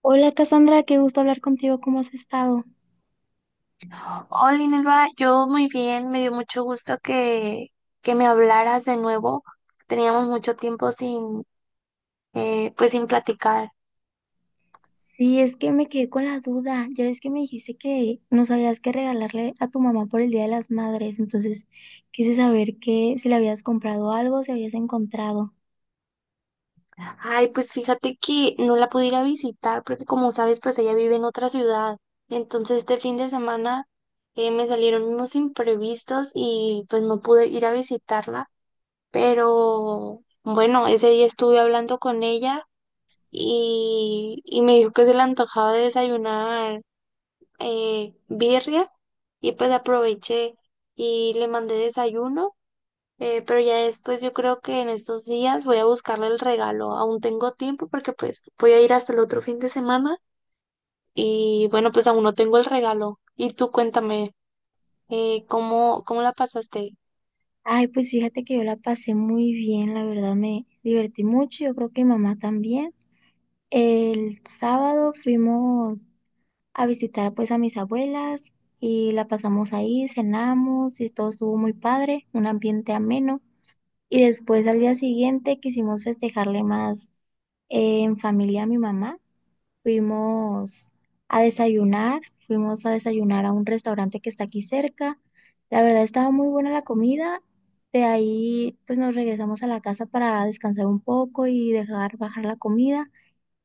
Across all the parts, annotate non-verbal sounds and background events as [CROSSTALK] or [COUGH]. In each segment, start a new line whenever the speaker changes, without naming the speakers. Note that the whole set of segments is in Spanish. Hola Cassandra, qué gusto hablar contigo, ¿cómo has estado?
Hola, Inelva, yo muy bien, me dio mucho gusto que me hablaras de nuevo. Teníamos mucho tiempo sin, pues sin platicar.
Sí, es que me quedé con la duda, ya ves que me dijiste que no sabías qué regalarle a tu mamá por el Día de las Madres, entonces quise saber que si le habías comprado algo, si habías encontrado.
Ay, pues fíjate que no la pude ir a visitar porque como sabes, pues ella vive en otra ciudad. Entonces este fin de semana me salieron unos imprevistos y pues no pude ir a visitarla. Pero bueno, ese día estuve hablando con ella y me dijo que se le antojaba desayunar birria y pues aproveché y le mandé desayuno, pero ya después yo creo que en estos días voy a buscarle el regalo, aún tengo tiempo porque pues voy a ir hasta el otro fin de semana y bueno, pues aún no tengo el regalo. Y tú cuéntame, ¿cómo la pasaste?
Ay, pues fíjate que yo la pasé muy bien, la verdad me divertí mucho, yo creo que mi mamá también. El sábado fuimos a visitar pues a mis abuelas y la pasamos ahí, cenamos y todo estuvo muy padre, un ambiente ameno. Y después al día siguiente quisimos festejarle más en familia a mi mamá. Fuimos a desayunar, fuimos a desayunar a un restaurante que está aquí cerca. La verdad estaba muy buena la comida. De ahí pues nos regresamos a la casa para descansar un poco y dejar bajar la comida.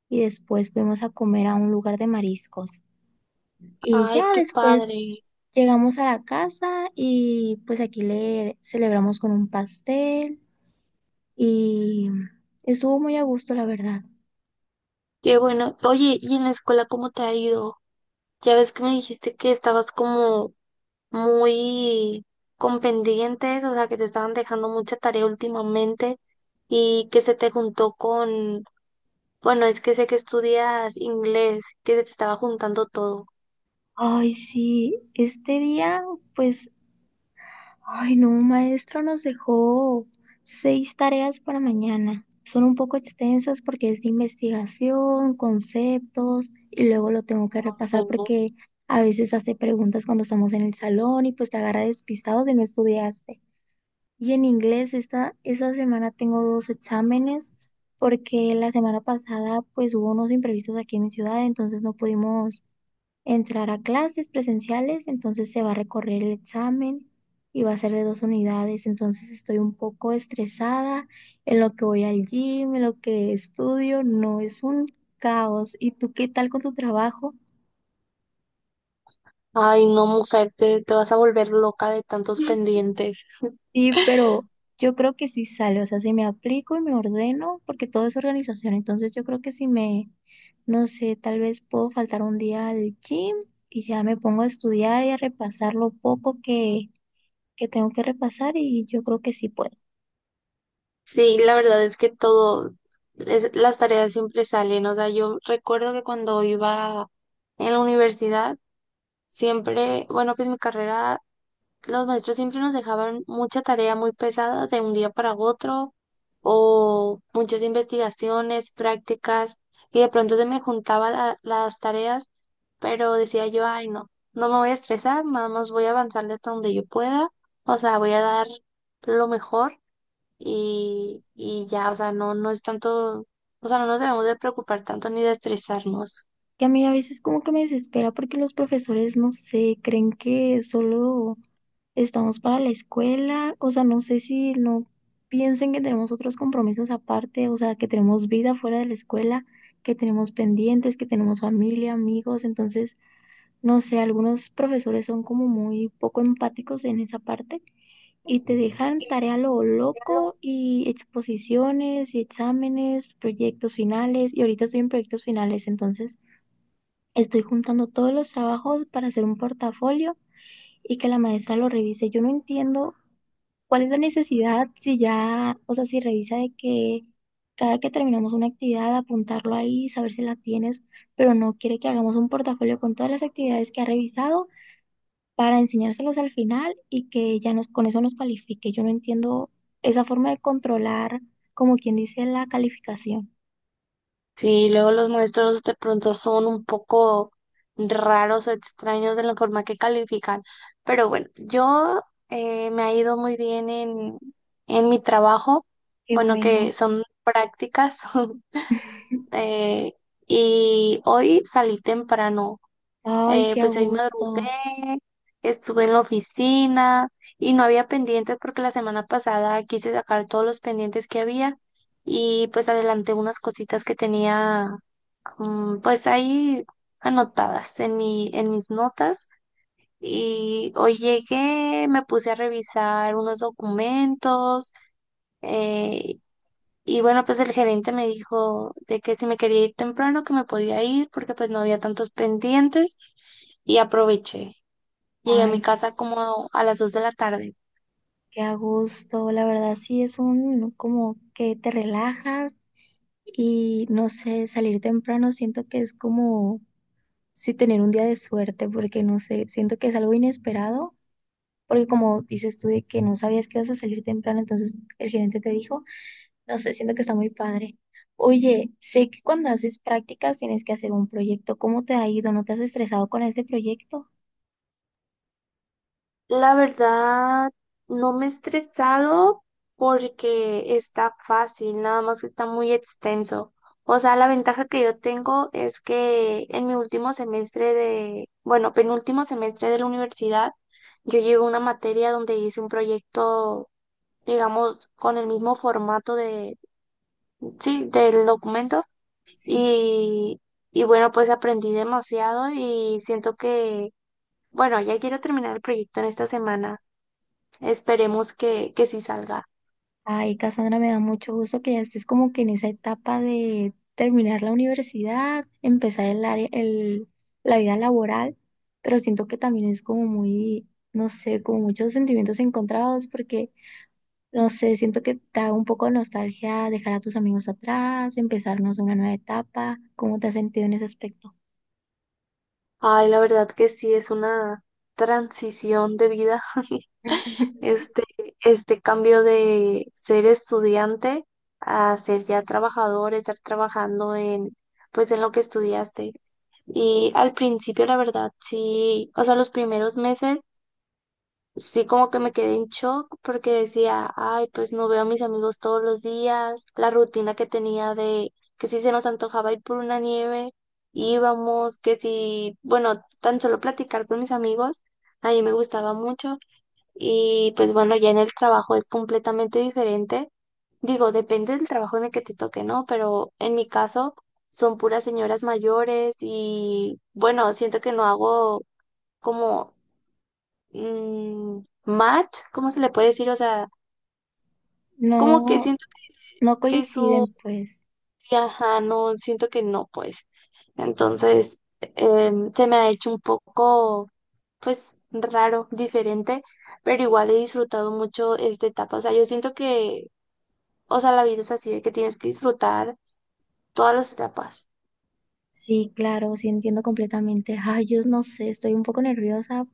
Y después fuimos a comer a un lugar de mariscos. Y
Ay,
ya
qué
después
padre,
llegamos a la casa y pues aquí le celebramos con un pastel y estuvo muy a gusto, la verdad.
qué bueno. Oye, ¿y en la escuela cómo te ha ido? Ya ves que me dijiste que estabas como muy con pendientes, o sea, que te estaban dejando mucha tarea últimamente y que se te juntó con, bueno, es que sé que estudias inglés, que se te estaba juntando todo.
Ay, sí, este día, pues, ay, no, un maestro nos dejó 6 tareas para mañana. Son un poco extensas porque es de investigación, conceptos, y luego lo tengo que
Ay,
repasar
no.
porque a veces hace preguntas cuando estamos en el salón y pues te agarra despistados y no estudiaste. Y en inglés, esta semana tengo 2 exámenes porque la semana pasada pues hubo unos imprevistos aquí en mi ciudad, entonces no pudimos entrar a clases presenciales, entonces se va a recorrer el examen y va a ser de 2 unidades, entonces estoy un poco estresada en lo que voy al gym, en lo que estudio, no es un caos. ¿Y tú qué tal con tu trabajo?
Ay, no, mujer, te vas a volver loca de tantos pendientes.
Sí, pero yo creo que sí sale, o sea, si me aplico y me ordeno, porque todo es organización, entonces yo creo que si me, no sé, tal vez puedo faltar un día al gym y ya me pongo a estudiar y a repasar lo poco que tengo que repasar y yo creo que sí puedo.
Sí, la verdad es que todo, las tareas siempre salen. O sea, yo recuerdo que cuando iba en la universidad, siempre, bueno, pues mi carrera los maestros siempre nos dejaban mucha tarea muy pesada de un día para otro o muchas investigaciones, prácticas y de pronto se me juntaban las tareas, pero decía yo, ay no, no me voy a estresar, nada más voy a avanzarle hasta donde yo pueda, o sea, voy a dar lo mejor y ya, o sea, no, no es tanto, o sea, no nos debemos de preocupar tanto ni de estresarnos.
Que a mí a veces como que me desespera porque los profesores, no sé, creen que solo estamos para la escuela, o sea, no sé si no piensen que tenemos otros compromisos aparte, o sea, que tenemos vida fuera de la escuela, que tenemos pendientes, que tenemos familia, amigos, entonces, no sé, algunos profesores son como muy poco empáticos en esa parte y te dejan tarea a lo loco y exposiciones y exámenes, proyectos finales, y ahorita estoy en proyectos finales, entonces estoy juntando todos los trabajos para hacer un portafolio y que la maestra lo revise. Yo no entiendo, ¿cuál es la necesidad si ya, o sea, si revisa de que cada que terminamos una actividad, apuntarlo ahí, saber si la tienes, pero no quiere que hagamos un portafolio con todas las actividades que ha revisado para enseñárselos al final y que ya nos, con eso nos califique? Yo no entiendo esa forma de controlar, como quien dice, la calificación.
Sí, luego los maestros de pronto son un poco raros o extraños de la forma que califican, pero bueno, yo me ha ido muy bien en mi trabajo,
Qué
bueno,
bueno.
que son prácticas, [LAUGHS]
[LAUGHS]
eh, y hoy salí temprano,
Ay, qué a
pues hoy madrugué,
gusto.
estuve en la oficina y no había pendientes porque la semana pasada quise sacar todos los pendientes que había y pues adelanté unas cositas que tenía. Mm. Pues ahí anotadas en mis notas y hoy llegué, me puse a revisar unos documentos, eh, y bueno, pues el gerente me dijo de que si me quería ir temprano, que me podía ir porque pues no había tantos pendientes y aproveché. Llegué a mi
Ay,
casa como a las 2 de la tarde.
qué a gusto. La verdad sí es un como que te relajas. Y no sé, salir temprano siento que es como si tener un día de suerte, porque no sé, siento que es algo inesperado, porque como dices tú de que no sabías que ibas a salir temprano, entonces el gerente te dijo, no sé, siento que está muy padre. Oye, sé que cuando haces prácticas tienes que hacer un proyecto, ¿cómo te ha ido? ¿No te has estresado con ese proyecto?
La verdad, no me he estresado porque está fácil, nada más que está muy extenso. O sea, la ventaja que yo tengo es que en mi último semestre de, bueno, penúltimo semestre de la universidad, yo llevo una materia donde hice un proyecto, digamos, con el mismo formato de, sí, del documento
Sí.
y, y bueno, pues aprendí demasiado y siento que, bueno, ya quiero terminar el proyecto en esta semana. Esperemos que sí salga.
Ay, Cassandra, me da mucho gusto que ya estés como que en esa etapa de terminar la universidad, empezar el área, el, la vida laboral, pero siento que también es como muy, no sé, como muchos sentimientos encontrados, porque, no sé, siento que te da un poco de nostalgia dejar a tus amigos atrás, empezarnos una nueva etapa, ¿cómo te has sentido en ese aspecto?
Ay, la verdad que sí es una transición de vida, [LAUGHS]
[LAUGHS]
este, este cambio de ser estudiante a ser ya trabajador, estar trabajando en, pues en lo que estudiaste. Y al principio, la verdad, sí, o sea, los primeros meses. Sí, como que me quedé en shock porque decía, ay, pues no veo a mis amigos todos los días, la rutina que tenía de que si se nos antojaba ir por una nieve, íbamos, que si, bueno, tan solo platicar con mis amigos, a mí me gustaba mucho y pues bueno, ya en el trabajo es completamente diferente. Digo, depende del trabajo en el que te toque, ¿no? Pero en mi caso son puras señoras mayores y bueno, siento que no hago como match, ¿cómo se le puede decir? O sea, como que
No,
siento
no
que su
coinciden, pues.
ajá, no, siento que no, pues. Entonces, se me ha hecho un poco, pues, raro, diferente, pero igual he disfrutado mucho esta etapa. O sea, yo siento que, o sea, la vida es así, de que tienes que disfrutar todas las etapas.
Sí, claro, sí entiendo completamente. Ay, yo no sé, estoy un poco nerviosa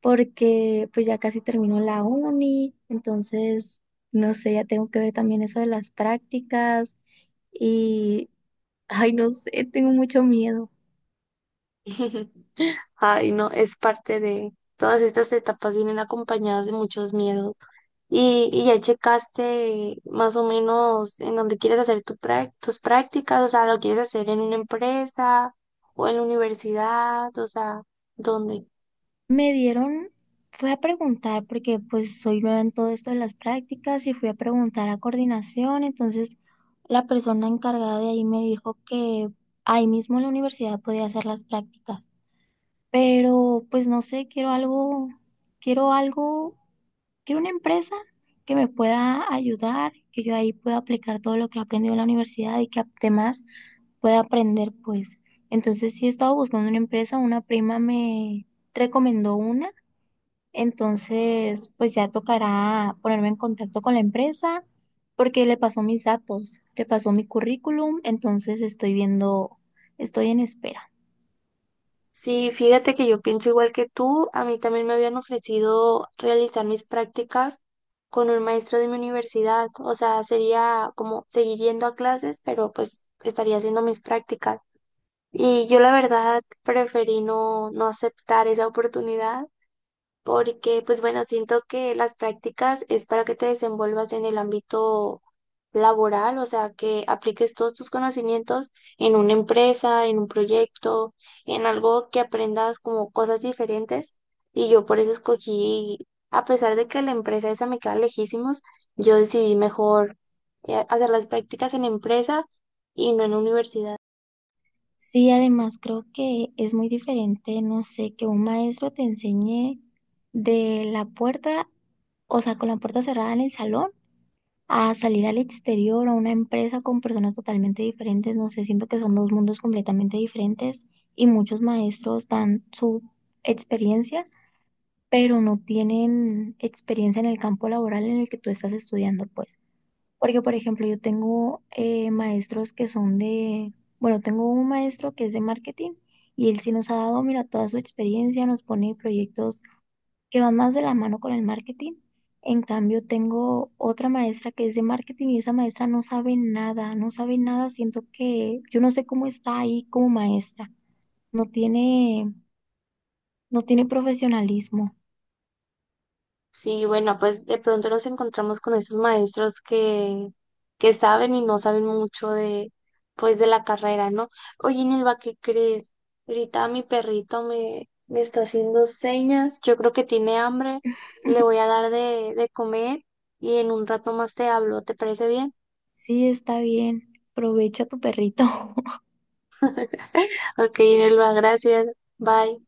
porque pues ya casi termino la uni, entonces, no sé, ya tengo que ver también eso de las prácticas y, ay, no sé, tengo mucho miedo.
[LAUGHS] Ay, no, es parte de todas estas etapas vienen acompañadas de muchos miedos. Y ya checaste más o menos en dónde quieres hacer tu tus prácticas, o sea, lo quieres hacer en una empresa o en la universidad, o sea, ¿dónde?
Me dieron, fui a preguntar, porque pues soy nueva en todo esto de las prácticas y fui a preguntar a coordinación, entonces la persona encargada de ahí me dijo que ahí mismo en la universidad podía hacer las prácticas. Pero pues no sé, quiero algo, quiero algo, quiero una empresa que me pueda ayudar, que yo ahí pueda aplicar todo lo que he aprendido en la universidad y que además pueda aprender, pues. Entonces sí he estado buscando una empresa, una prima me recomendó una, entonces pues ya tocará ponerme en contacto con la empresa porque le pasó mis datos, le pasó mi currículum, entonces estoy viendo, estoy en espera.
Sí, fíjate que yo pienso igual que tú, a mí también me habían ofrecido realizar mis prácticas con un maestro de mi universidad, o sea, sería como seguir yendo a clases, pero pues estaría haciendo mis prácticas. Y yo la verdad preferí no, no aceptar esa oportunidad porque, pues bueno, siento que las prácticas es para que te desenvuelvas en el ámbito laboral, o sea, que apliques todos tus conocimientos en una empresa, en un proyecto, en algo que aprendas como cosas diferentes. Y yo por eso escogí, a pesar de que la empresa esa me queda lejísimos, yo decidí mejor hacer las prácticas en empresas y no en universidad.
Sí, además creo que es muy diferente, no sé, que un maestro te enseñe de la puerta, o sea, con la puerta cerrada en el salón, a salir al exterior, a una empresa con personas totalmente diferentes, no sé, siento que son 2 mundos completamente diferentes y muchos maestros dan su experiencia, pero no tienen experiencia en el campo laboral en el que tú estás estudiando, pues. Porque, por ejemplo, yo tengo maestros que son de, bueno, tengo un maestro que es de marketing y él sí nos ha dado, mira, toda su experiencia, nos pone proyectos que van más de la mano con el marketing. En cambio, tengo otra maestra que es de marketing y esa maestra no sabe nada, no sabe nada, siento que yo no sé cómo está ahí como maestra, no tiene, no tiene profesionalismo.
Sí, bueno, pues de pronto nos encontramos con esos maestros que saben y no saben mucho de, pues, de la carrera, ¿no? Oye, Nilva, ¿qué crees? Ahorita mi perrito me está haciendo señas, yo creo que tiene hambre, le voy a
[LAUGHS]
dar de comer y en un rato más te hablo, ¿te parece bien?
Sí, está bien, aprovecha tu perrito.
Ok, Nilva, gracias, bye.